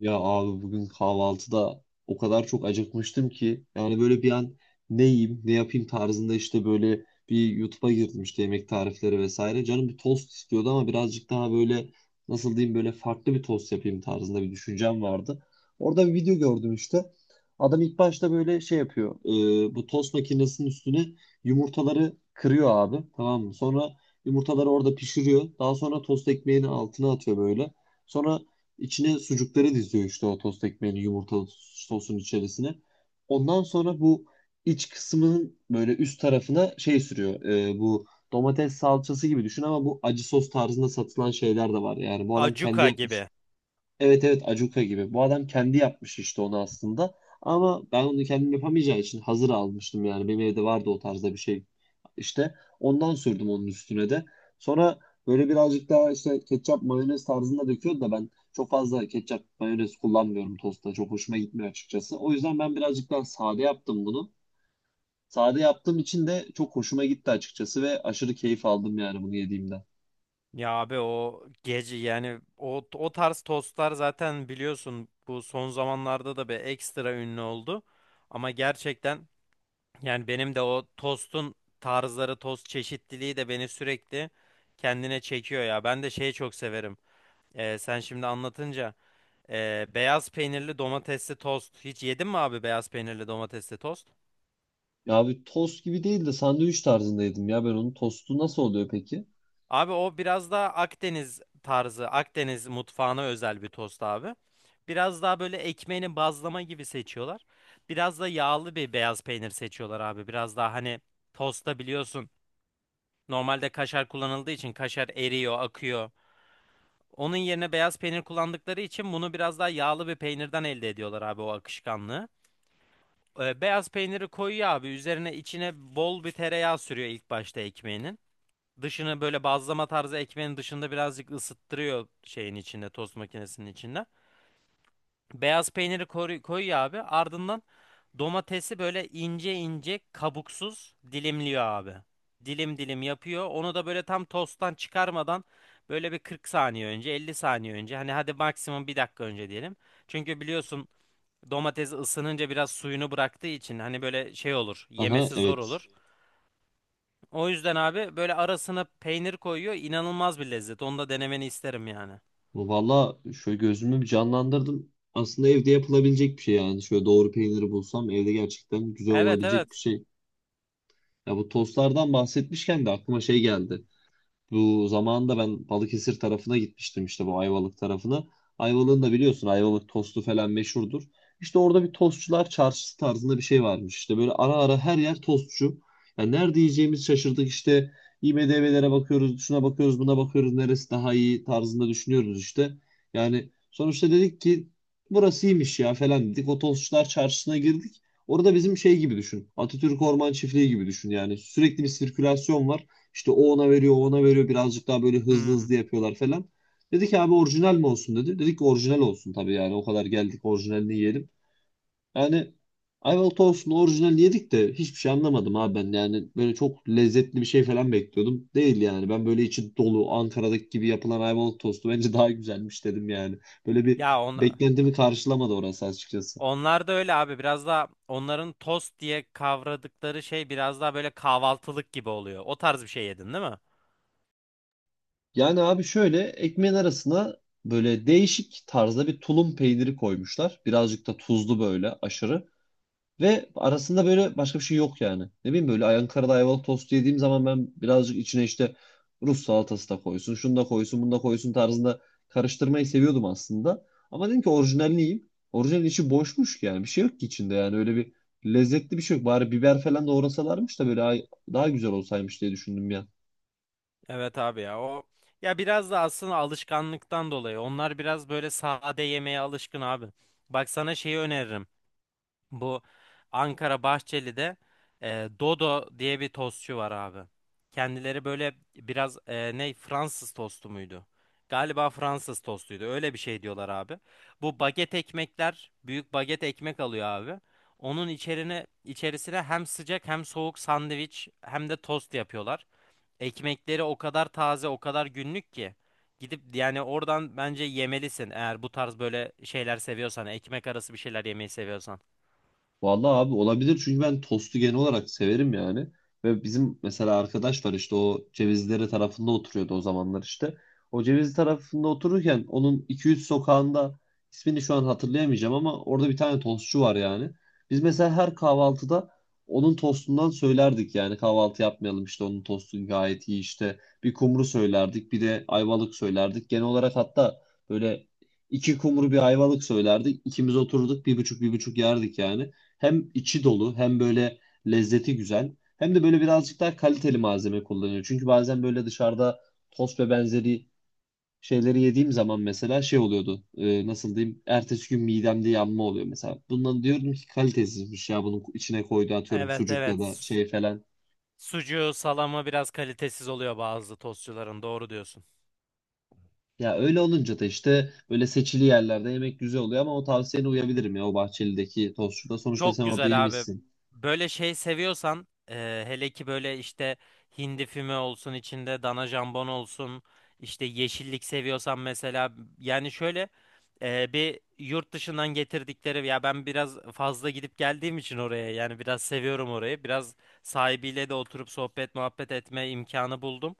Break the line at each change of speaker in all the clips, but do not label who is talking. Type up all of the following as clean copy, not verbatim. Ya abi bugün kahvaltıda o kadar çok acıkmıştım ki yani böyle bir an ne yiyeyim ne yapayım tarzında işte böyle bir YouTube'a girdim işte yemek tarifleri vesaire. Canım bir tost istiyordu ama birazcık daha böyle nasıl diyeyim böyle farklı bir tost yapayım tarzında bir düşüncem vardı. Orada bir video gördüm işte. Adam ilk başta böyle şey yapıyor. Bu tost makinesinin üstüne yumurtaları kırıyor abi, tamam mı? Sonra yumurtaları orada pişiriyor. Daha sonra tost ekmeğini altına atıyor böyle. Sonra İçine sucukları diziyor işte, o tost ekmeğini yumurtalı sosun içerisine. Ondan sonra bu iç kısmının böyle üst tarafına şey sürüyor. Bu domates salçası gibi düşün ama bu acı sos tarzında satılan şeyler de var. Yani bu adam kendi
Acuka
yapmış.
gibi.
Evet, evet, Acuka gibi. Bu adam kendi yapmış işte onu aslında. Ama ben onu kendim yapamayacağı için hazır almıştım yani. Benim evde vardı o tarzda bir şey. İşte ondan sürdüm onun üstüne de. Sonra böyle birazcık daha işte ketçap mayonez tarzında döküyordu da, ben çok fazla ketçap mayonez kullanmıyorum tostta. Çok hoşuma gitmiyor açıkçası. O yüzden ben birazcık daha sade yaptım bunu. Sade yaptığım için de çok hoşuma gitti açıkçası ve aşırı keyif aldım yani bunu yediğimden.
Ya abi o gece yani o tarz tostlar zaten biliyorsun bu son zamanlarda da bir ekstra ünlü oldu. Ama gerçekten yani benim de o tostun tarzları, tost çeşitliliği de beni sürekli kendine çekiyor ya. Ben de şeyi çok severim. Sen şimdi anlatınca beyaz peynirli domatesli tost. Hiç yedin mi abi beyaz peynirli domatesli tost?
Ya bir tost gibi değil de sandviç tarzında yedim ya ben onu. Tostu nasıl oluyor peki?
Abi o biraz daha Akdeniz tarzı, Akdeniz mutfağına özel bir tost abi. Biraz daha böyle ekmeğini bazlama gibi seçiyorlar. Biraz da yağlı bir beyaz peynir seçiyorlar abi. Biraz daha hani tosta biliyorsun normalde kaşar kullanıldığı için kaşar eriyor, akıyor. Onun yerine beyaz peynir kullandıkları için bunu biraz daha yağlı bir peynirden elde ediyorlar abi o akışkanlığı. Beyaz peyniri koyuyor abi üzerine içine bol bir tereyağı sürüyor ilk başta ekmeğinin. Dışını böyle bazlama tarzı ekmeğin dışında birazcık ısıttırıyor şeyin içinde, tost makinesinin içinde. Beyaz peyniri koyuyor abi. Ardından domatesi böyle ince ince kabuksuz dilimliyor abi. Dilim dilim yapıyor. Onu da böyle tam tosttan çıkarmadan böyle bir 40 saniye önce, 50 saniye önce. Hani hadi maksimum bir dakika önce diyelim. Çünkü biliyorsun domates ısınınca biraz suyunu bıraktığı için hani böyle şey olur,
Aha,
yemesi zor
evet.
olur. O yüzden abi böyle arasına peynir koyuyor. İnanılmaz bir lezzet. Onu da denemeni isterim yani.
Valla şöyle gözümü bir canlandırdım. Aslında evde yapılabilecek bir şey yani. Şöyle doğru peyniri bulsam evde gerçekten güzel
Evet,
olabilecek bir
evet.
şey. Ya bu tostlardan bahsetmişken de aklıma şey geldi. Bu zamanında ben Balıkesir tarafına gitmiştim işte, bu Ayvalık tarafına. Ayvalık'ın da biliyorsun Ayvalık tostu falan meşhurdur. İşte orada bir tostçular çarşısı tarzında bir şey varmış. İşte böyle ara ara her yer tostçu. Yani nerede yiyeceğimiz şaşırdık işte. IMDb'lere bakıyoruz, şuna bakıyoruz, buna bakıyoruz. Neresi daha iyi tarzında düşünüyoruz işte. Yani sonuçta dedik ki burası iyiymiş ya falan, dedik. O tostçular çarşısına girdik. Orada bizim şey gibi düşün. Atatürk Orman Çiftliği gibi düşün yani. Sürekli bir sirkülasyon var. İşte o ona veriyor, o ona veriyor. Birazcık daha böyle hızlı
Hmm.
hızlı yapıyorlar falan. Dedi ki abi orijinal mi olsun, dedi. Dedik ki orijinal olsun tabii, yani o kadar geldik orijinalini yiyelim. Yani Ayvalık olsun, orijinal yedik de hiçbir şey anlamadım abi ben. Yani böyle çok lezzetli bir şey falan bekliyordum. Değil yani, ben böyle içi dolu Ankara'daki gibi yapılan Ayvalık tostu bence daha güzelmiş, dedim yani. Böyle bir
Ya on,
beklentimi karşılamadı orası açıkçası.
Onlar da öyle abi. Biraz daha onların tost diye kavradıkları şey biraz daha böyle kahvaltılık gibi oluyor. O tarz bir şey yedin değil mi?
Yani abi şöyle ekmeğin arasına böyle değişik tarzda bir tulum peyniri koymuşlar. Birazcık da tuzlu böyle, aşırı. Ve arasında böyle başka bir şey yok yani. Ne bileyim, böyle Ankara'da ayvalık tostu yediğim zaman ben birazcık içine işte Rus salatası da koysun, şunu da koysun, bunu da koysun tarzında karıştırmayı seviyordum aslında. Ama dedim ki orijinalini yiyeyim. Orijinalin içi boşmuş ki, yani bir şey yok ki içinde yani, öyle bir lezzetli bir şey yok. Bari biber falan doğrasalarmış da böyle daha güzel olsaymış diye düşündüm ya.
Evet abi ya o, ya biraz da aslında alışkanlıktan dolayı. Onlar biraz böyle sade yemeğe alışkın abi. Bak sana şeyi öneririm. Bu Ankara Bahçeli'de Dodo diye bir tostçu var abi. Kendileri böyle biraz ne Fransız tostu muydu? Galiba Fransız tostuydu. Öyle bir şey diyorlar abi. Bu baget ekmekler, büyük baget ekmek alıyor abi. Onun içerisine hem sıcak hem soğuk sandviç hem de tost yapıyorlar. Ekmekleri o kadar taze, o kadar günlük ki gidip yani oradan bence yemelisin eğer bu tarz böyle şeyler seviyorsan, ekmek arası bir şeyler yemeyi seviyorsan.
Vallahi abi olabilir, çünkü ben tostu genel olarak severim yani. Ve bizim mesela arkadaş var işte, o Cevizlere tarafında oturuyordu o zamanlar işte. O Cevizli tarafında otururken onun 2-3 sokağında ismini şu an hatırlayamayacağım ama orada bir tane tostçu var yani. Biz mesela her kahvaltıda onun tostundan söylerdik yani, kahvaltı yapmayalım işte, onun tostu gayet iyi işte. Bir kumru söylerdik, bir de ayvalık söylerdik. Genel olarak hatta böyle iki kumru bir ayvalık söylerdik. İkimiz otururduk bir buçuk bir buçuk yerdik yani. Hem içi dolu hem böyle lezzeti güzel. Hem de böyle birazcık daha kaliteli malzeme kullanıyor. Çünkü bazen böyle dışarıda tost ve benzeri şeyleri yediğim zaman mesela şey oluyordu. Nasıl diyeyim? Ertesi gün midemde yanma oluyor mesela. Bundan diyorum ki kalitesizmiş ya, bunun içine koydu atıyorum
Evet,
sucuk ya
evet.
da şey falan.
Sucuğu, salamı biraz kalitesiz oluyor bazı tostçuların. Doğru diyorsun.
Ya öyle olunca da işte böyle seçili yerlerde yemek güzel oluyor, ama o tavsiyene uyabilirim ya, o Bahçeli'deki tostçuda. Sonuçta
Çok
sen orada
güzel abi.
yemişsin.
Böyle şey seviyorsan hele ki böyle işte hindi füme olsun, içinde dana jambon olsun, işte yeşillik seviyorsan mesela, yani şöyle bir yurt dışından getirdikleri ya, ben biraz fazla gidip geldiğim için oraya, yani biraz seviyorum orayı, biraz sahibiyle de oturup sohbet muhabbet etme imkanı buldum.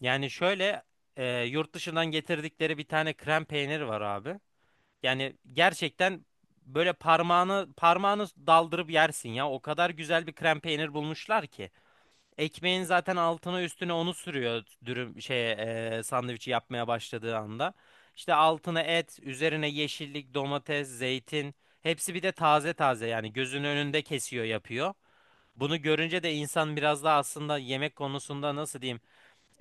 Yani şöyle yurt dışından getirdikleri bir tane krem peyniri var abi. Yani gerçekten böyle parmağını daldırıp yersin ya. O kadar güzel bir krem peynir bulmuşlar ki. Ekmeğin zaten altına üstüne onu sürüyor dürüm şey sandviçi yapmaya başladığı anda. İşte altına et, üzerine yeşillik, domates, zeytin. Hepsi bir de taze taze yani gözünün önünde kesiyor yapıyor. Bunu görünce de insan biraz daha aslında yemek konusunda nasıl diyeyim,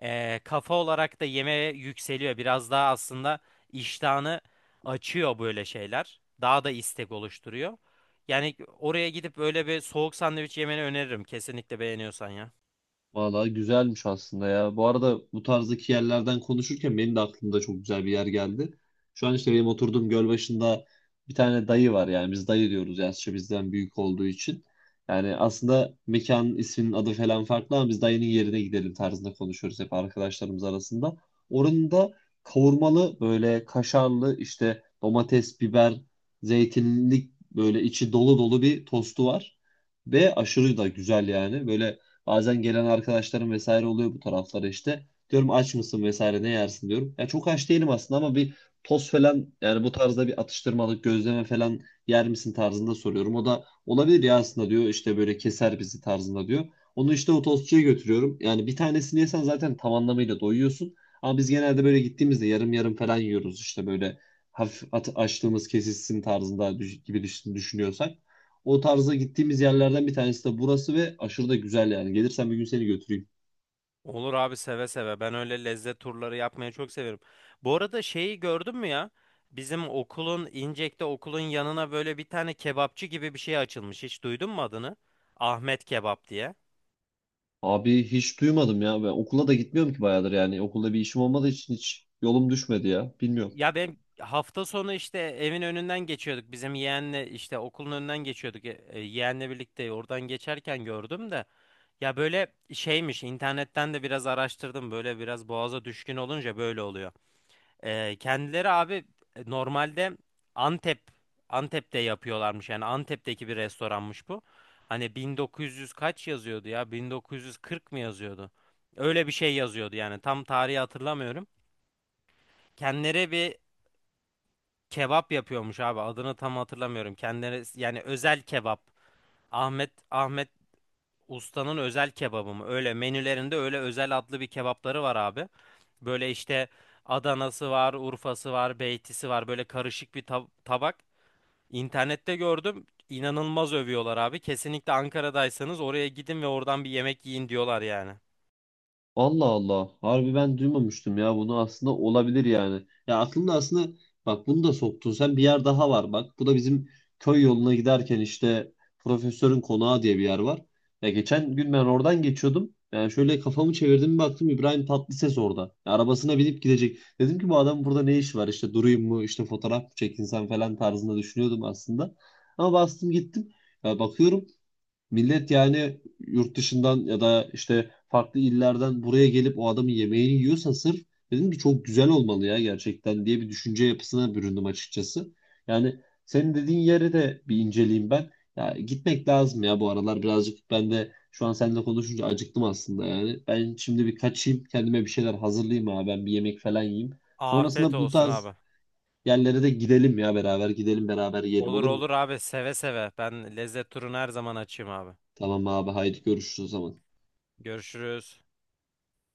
kafa olarak da yemeğe yükseliyor. Biraz daha aslında iştahını açıyor böyle şeyler. Daha da istek oluşturuyor. Yani oraya gidip böyle bir soğuk sandviç yemeni öneririm. Kesinlikle beğeniyorsan ya.
Vallahi güzelmiş aslında ya. Bu arada bu tarzdaki yerlerden konuşurken benim de aklımda çok güzel bir yer geldi. Şu an işte benim oturduğum göl başında bir tane dayı var, yani biz dayı diyoruz yaşça bizden büyük olduğu için. Yani aslında mekanın isminin adı falan farklı ama biz dayının yerine gidelim tarzında konuşuyoruz hep arkadaşlarımız arasında. Oranın da kavurmalı böyle kaşarlı işte domates, biber, zeytinlik, böyle içi dolu dolu bir tostu var. Ve aşırı da güzel yani. Böyle bazen gelen arkadaşlarım vesaire oluyor bu taraflara işte. Diyorum aç mısın vesaire, ne yersin diyorum. Ya çok aç değilim aslında ama bir tost falan yani, bu tarzda bir atıştırmalık gözleme falan yer misin tarzında soruyorum. O da olabilir ya aslında, diyor işte, böyle keser bizi tarzında diyor. Onu işte o tostçuya götürüyorum. Yani bir tanesini yesen zaten tam anlamıyla doyuyorsun. Ama biz genelde böyle gittiğimizde yarım yarım falan yiyoruz işte, böyle hafif açtığımız kesilsin tarzında düşünüyorsak. O tarza gittiğimiz yerlerden bir tanesi de burası ve aşırı da güzel yani. Gelirsen bir gün seni götüreyim.
Olur abi, seve seve. Ben öyle lezzet turları yapmayı çok severim. Bu arada şeyi gördün mü ya? Bizim okulun İncek'te, okulun yanına böyle bir tane kebapçı gibi bir şey açılmış. Hiç duydun mu adını? Ahmet Kebap diye.
Abi hiç duymadım ya. Ben okula da gitmiyorum ki bayağıdır yani. Okulda bir işim olmadığı için hiç yolum düşmedi ya. Bilmiyorum.
Ya ben hafta sonu işte evin önünden geçiyorduk. Bizim yeğenle işte okulun önünden geçiyorduk. Yeğenle birlikte oradan geçerken gördüm de. Ya böyle şeymiş, internetten de biraz araştırdım. Böyle biraz boğaza düşkün olunca böyle oluyor. Kendileri abi normalde Antep Antep'te yapıyorlarmış. Yani Antep'teki bir restoranmış bu. Hani 1900 kaç yazıyordu ya? 1940 mı yazıyordu? Öyle bir şey yazıyordu yani tam tarihi hatırlamıyorum. Kendileri bir kebap yapıyormuş abi. Adını tam hatırlamıyorum. Kendileri yani özel kebap. Ahmet Usta'nın özel kebabı mı? Öyle menülerinde öyle özel adlı bir kebapları var abi. Böyle işte Adana'sı var, Urfa'sı var, Beyti'si var. Böyle karışık bir tabak. İnternette gördüm. İnanılmaz övüyorlar abi. Kesinlikle Ankara'daysanız oraya gidin ve oradan bir yemek yiyin diyorlar yani.
Allah Allah. Harbi ben duymamıştım ya bunu, aslında olabilir yani. Ya aklımda aslında, bak bunu da soktun sen, bir yer daha var bak. Bu da bizim köy yoluna giderken işte profesörün konağı diye bir yer var. Ya geçen gün ben oradan geçiyordum. Yani şöyle kafamı çevirdim bir baktım, İbrahim Tatlıses orada. Ya arabasına binip gidecek. Dedim ki bu adam burada ne iş var işte, durayım mı işte, fotoğraf mı çekinsem falan tarzında düşünüyordum aslında. Ama bastım gittim. Ya bakıyorum millet yani yurt dışından ya da işte farklı illerden buraya gelip o adamın yemeğini yiyorsa sırf, dedim ki çok güzel olmalı ya gerçekten, diye bir düşünce yapısına büründüm açıkçası. Yani senin dediğin yere de bir inceleyeyim ben. Ya gitmek lazım ya, bu aralar birazcık ben de şu an seninle konuşunca acıktım aslında yani. Ben şimdi bir kaçayım, kendime bir şeyler hazırlayayım abi, ben bir yemek falan yiyeyim.
Afiyet
Sonrasında bu
olsun
tarz
abi.
yerlere de gidelim ya, beraber gidelim beraber yiyelim,
Olur
olur mu?
olur abi, seve seve. Ben lezzet turunu her zaman açayım abi.
Tamam abi, haydi görüşürüz o zaman.
Görüşürüz.